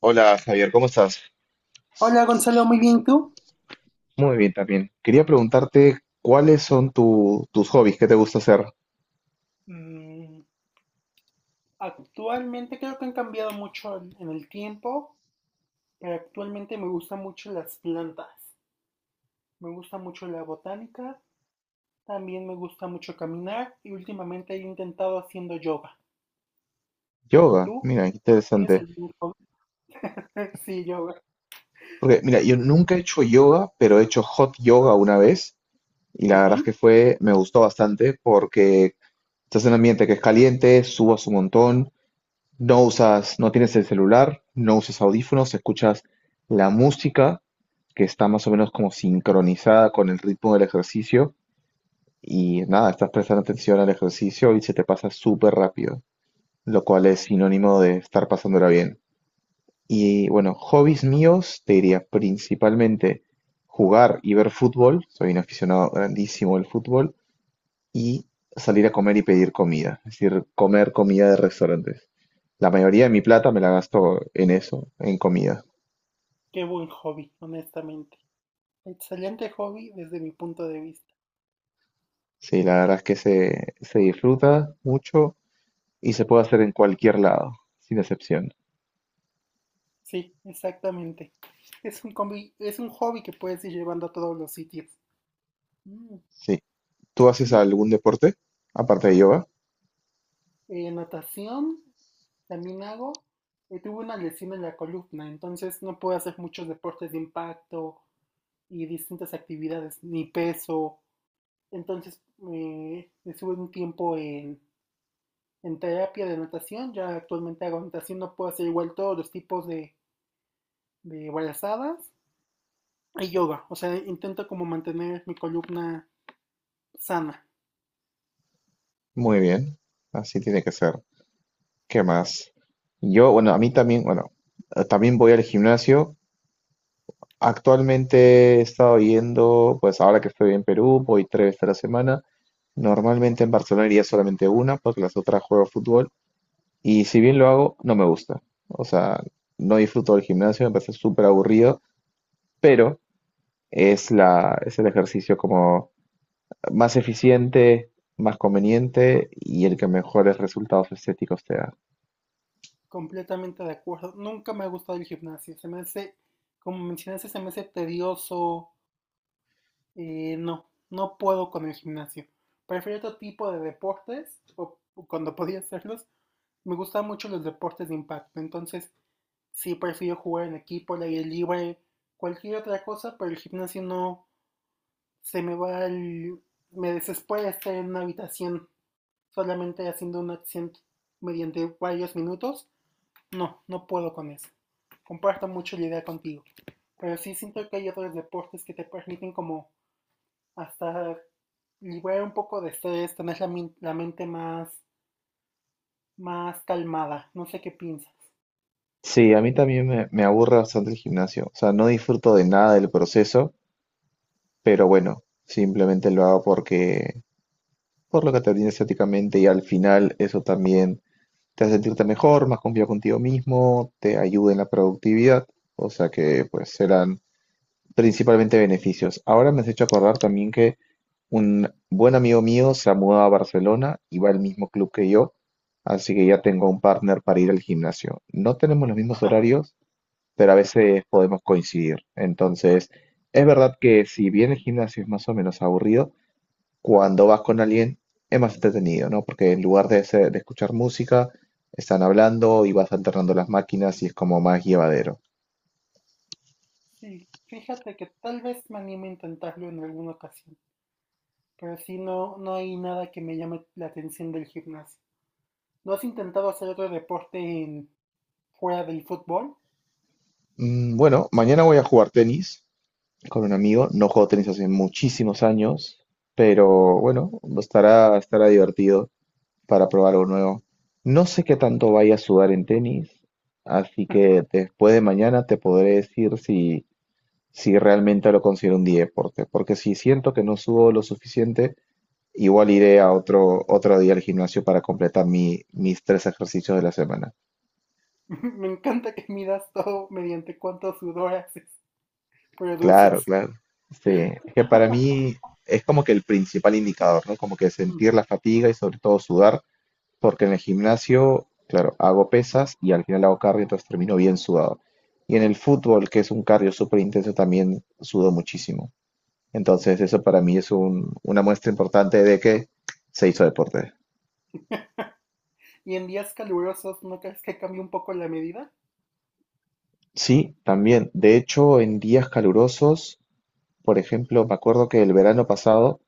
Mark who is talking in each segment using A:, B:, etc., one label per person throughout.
A: Hola Javier, ¿cómo estás?
B: Hola Gonzalo, muy bien, ¿tú?
A: Muy bien también. Quería preguntarte cuáles son tus hobbies, qué te gusta hacer.
B: Mm, Actualmente creo que han cambiado mucho en el tiempo, pero actualmente me gustan mucho las plantas. Me gusta mucho la botánica, también me gusta mucho caminar y últimamente he intentado haciendo yoga.
A: Yoga,
B: ¿Tú?
A: mira, qué
B: ¿Tienes
A: interesante.
B: algún hobby? Sí, yoga.
A: Porque mira, yo nunca he hecho yoga, pero he hecho hot yoga una vez y la verdad es
B: Ujú.
A: que fue, me gustó bastante porque estás en un ambiente que es caliente, subas un montón, no usas, no tienes el celular, no usas audífonos, escuchas la música que está más o menos como sincronizada con el ritmo del ejercicio. Y nada, estás prestando atención al ejercicio y se te pasa súper rápido, lo cual es sinónimo de estar pasándola bien. Y bueno, hobbies míos, te diría principalmente jugar y ver fútbol, soy un aficionado grandísimo al fútbol, y salir a comer y pedir comida, es decir, comer comida de restaurantes. La mayoría de mi plata me la gasto en eso, en comida.
B: Qué buen hobby, honestamente. Excelente hobby desde mi punto de vista.
A: Sí, la verdad es que se disfruta mucho y se puede hacer en cualquier lado, sin excepción.
B: Sí, exactamente. Es un hobby que puedes ir llevando a todos los sitios. Mm,
A: Sí. ¿Tú haces
B: Siento,
A: algún deporte aparte de yoga?
B: natación también hago. Tuve una lesión en la columna, entonces no puedo hacer muchos deportes de impacto y distintas actividades, ni peso. Entonces, estuve un tiempo en terapia de natación. Ya actualmente hago natación, no puedo hacer igual todos los tipos de brazadas y yoga. O sea, intento como mantener mi columna sana.
A: Muy bien, así tiene que ser. ¿Qué más? Yo, bueno, a mí también, bueno, también voy al gimnasio. Actualmente he estado yendo, pues ahora que estoy en Perú, voy tres veces a la semana. Normalmente en Barcelona iría solamente una, porque las otras juego fútbol. Y si bien lo hago, no me gusta. O sea, no disfruto del gimnasio, me parece súper aburrido, pero es el ejercicio como más eficiente, más conveniente y el que mejores resultados estéticos te da.
B: Completamente de acuerdo. Nunca me ha gustado el gimnasio. Se me hace, como mencionaste, se me hace tedioso. No, no puedo con el gimnasio. Prefiero otro tipo de deportes, o cuando podía hacerlos. Me gustan mucho los deportes de impacto, entonces sí prefiero jugar en equipo, al aire libre, cualquier otra cosa, pero el gimnasio no se me va al... Me desespera estar en una habitación solamente haciendo una acción mediante varios minutos. No, no puedo con eso. Comparto mucho la idea contigo. Pero sí siento que hay otros deportes que te permiten como hasta liberar un poco de estrés, tener la mente más calmada. No sé qué piensas.
A: Sí, a mí también me aburre bastante el gimnasio. O sea, no disfruto de nada del proceso, pero bueno, simplemente lo hago porque, por lo que te brinda estéticamente y al final eso también te hace sentirte mejor, más confiado contigo mismo, te ayuda en la productividad. O sea que pues serán principalmente beneficios. Ahora me has hecho acordar también que un buen amigo mío se ha mudado a Barcelona y va al mismo club que yo, así que ya tengo un partner para ir al gimnasio. No tenemos los mismos horarios, pero a veces podemos coincidir. Entonces, es verdad que si bien el gimnasio es más o menos aburrido, cuando vas con alguien es más entretenido, ¿no? Porque en lugar de escuchar música, están hablando y vas alternando las máquinas y es como más llevadero.
B: Sí, fíjate que tal vez me anime a intentarlo en alguna ocasión, pero sí no, no hay nada que me llame la atención del gimnasio. ¿No has intentado hacer otro deporte fuera del fútbol?
A: Bueno, mañana voy a jugar tenis con un amigo. No juego tenis hace muchísimos años, pero bueno, estará divertido para probar algo nuevo. No sé qué tanto vaya a sudar en tenis, así que después de mañana te podré decir si realmente lo considero un día de deporte, porque si siento que no sudo lo suficiente, igual iré a otro día al gimnasio para completar mis tres ejercicios de la semana.
B: Me encanta que midas todo mediante cuánto sudor haces,
A: Claro,
B: produces.
A: claro. Sí, es que para mí es como que el principal indicador, ¿no? Como que sentir la fatiga y sobre todo sudar, porque en el gimnasio, claro, hago pesas y al final hago cardio, entonces termino bien sudado. Y en el fútbol, que es un cardio súper intenso, también sudo muchísimo. Entonces eso para mí es una muestra importante de que se hizo deporte.
B: ¿Y en días calurosos no crees que cambie un poco la medida?
A: Sí, también. De hecho, en días calurosos, por ejemplo, me acuerdo que el verano pasado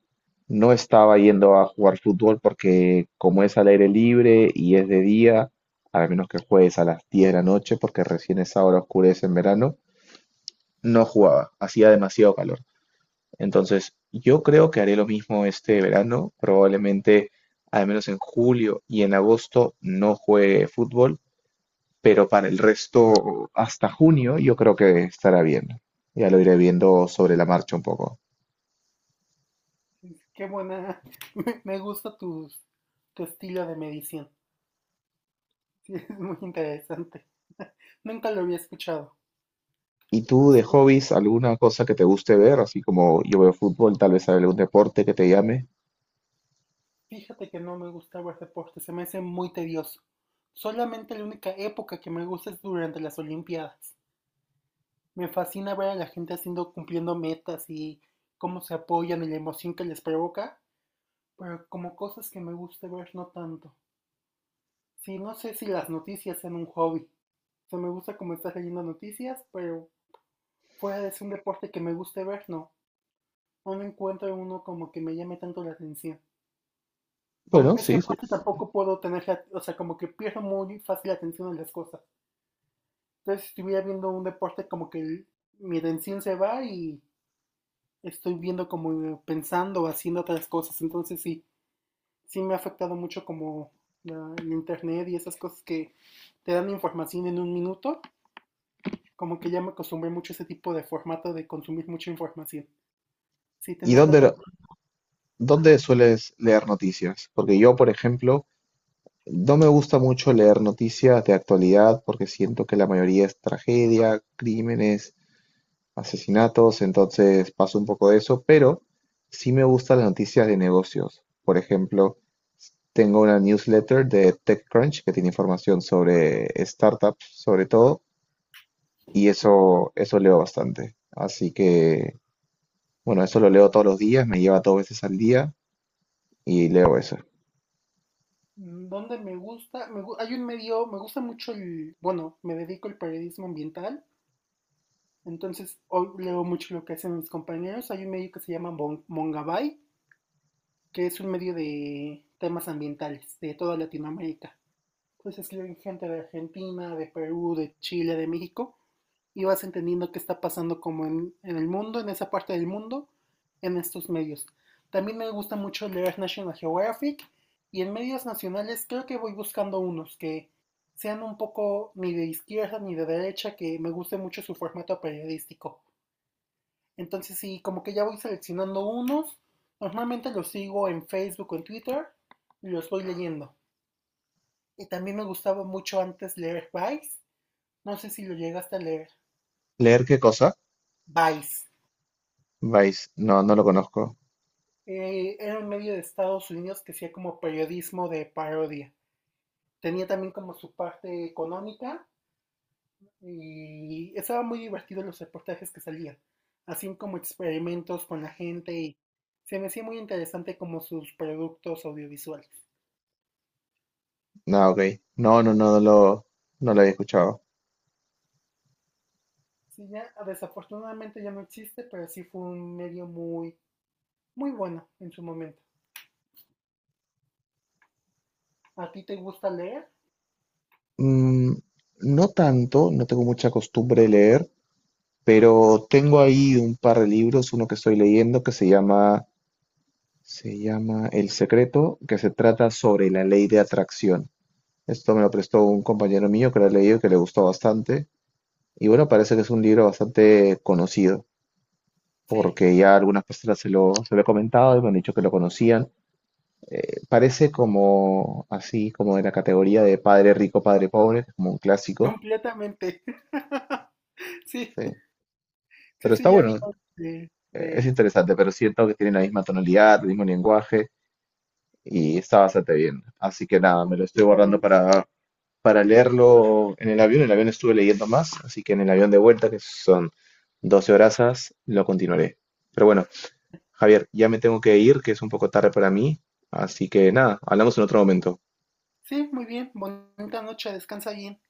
A: no estaba yendo a jugar fútbol porque como es al aire libre y es de día, a menos que juegues a las 10 de la noche, porque recién esa hora oscurece en verano, no jugaba, hacía demasiado calor. Entonces, yo creo que haré lo mismo este verano, probablemente al menos en julio y en agosto no juegue fútbol, pero para el resto, hasta junio, yo creo que estará bien. Ya lo iré viendo sobre la marcha un poco.
B: Qué buena. Me gusta tu estilo de medición. Sí, es muy interesante. Nunca lo había escuchado.
A: ¿Y tú de
B: Sí,
A: hobbies, alguna cosa que te guste ver? Así como yo veo fútbol, tal vez algún deporte que te llame.
B: fíjate que no me gusta ver deporte, se me hace muy tedioso. Solamente la única época que me gusta es durante las Olimpiadas. Me fascina ver a la gente haciendo, cumpliendo metas y cómo se apoyan y la emoción que les provoca, pero como cosas que me gusta ver no tanto. Sí, no sé si las noticias sean un hobby. O sea, me gusta como estar leyendo noticias, pero fuera de ser un deporte que me guste ver, no. No me encuentro uno como que me llame tanto la atención. Como,
A: Bueno,
B: es que
A: sí. Sí,
B: aparte
A: sí.
B: tampoco puedo tener, la, o sea, como que pierdo muy fácil la atención en las cosas. Entonces, si estuviera viendo un deporte, como que el mi atención se va y estoy viendo como pensando, haciendo otras cosas. Entonces, sí, sí me ha afectado mucho como el internet y esas cosas que te dan información en un minuto. Como que ya me acostumbré mucho a ese tipo de formato de consumir mucha información. Sí,
A: ¿Y
B: tenerla
A: dónde,
B: tanto.
A: dónde
B: Ajá.
A: sueles leer noticias? Porque yo, por ejemplo, no me gusta mucho leer noticias de actualidad porque siento que la mayoría es tragedia, crímenes, asesinatos, entonces paso un poco de eso, pero sí me gustan las noticias de negocios. Por ejemplo, tengo una newsletter de TechCrunch que tiene información sobre startups, sobre todo, y eso leo bastante. Así que, bueno, eso lo leo todos los días, me lleva dos veces al día y leo eso.
B: dónde me gusta, me gu- hay un medio, me gusta mucho el, bueno, me dedico al periodismo ambiental, entonces hoy leo mucho lo que hacen mis compañeros. Hay un medio que se llama Mongabay, que es un medio de temas ambientales de toda Latinoamérica. Entonces escriben gente de Argentina, de Perú, de Chile, de México, y vas entendiendo qué está pasando como en el mundo, en esa parte del mundo, en estos medios. También me gusta mucho leer National Geographic y en medios nacionales creo que voy buscando unos que sean un poco ni de izquierda ni de derecha, que me guste mucho su formato periodístico. Entonces sí, como que ya voy seleccionando unos, normalmente los sigo en Facebook o en Twitter y los voy leyendo. Y también me gustaba mucho antes leer Vice, no sé si lo llegaste a leer.
A: ¿Leer qué cosa?
B: Vice.
A: Vice, no, no lo conozco.
B: Era un medio de Estados Unidos que hacía como periodismo de parodia. Tenía también como su parte económica y estaba muy divertido los reportajes que salían. Hacían como experimentos con la gente y se me hacía muy interesante como sus productos audiovisuales.
A: No, ok. No, no, no, no lo, no lo había escuchado.
B: Sí, ya desafortunadamente ya no existe, pero sí fue un medio muy, muy bueno en su momento. ¿A ti te gusta leer?
A: Mm, no tanto, no tengo mucha costumbre de leer, pero tengo ahí un par de libros, uno que estoy leyendo que se llama El Secreto, que se trata sobre la ley de atracción. Esto me lo prestó un compañero mío que lo ha leído, y que le gustó bastante. Y bueno, parece que es un libro bastante conocido,
B: Sí,
A: porque ya algunas personas se lo he comentado y me han dicho que lo conocían. Parece como así, como de la categoría de padre rico, padre pobre, como un clásico.
B: completamente. Sí,
A: Sí.
B: sí,
A: Pero está
B: sí, ya vi
A: bueno,
B: de, de
A: es
B: él,
A: interesante, pero siento que tiene la misma tonalidad, el mismo lenguaje y está bastante bien. Así que nada, me lo estoy guardando
B: completamente.
A: para leerlo en el avión. En el avión estuve leyendo más, así que en el avión de vuelta, que son 12 horas, lo continuaré. Pero bueno, Javier, ya me tengo que ir, que es un poco tarde para mí, así que nada, hablamos en otro momento.
B: Sí, muy bien. Bonita noche. Descansa bien.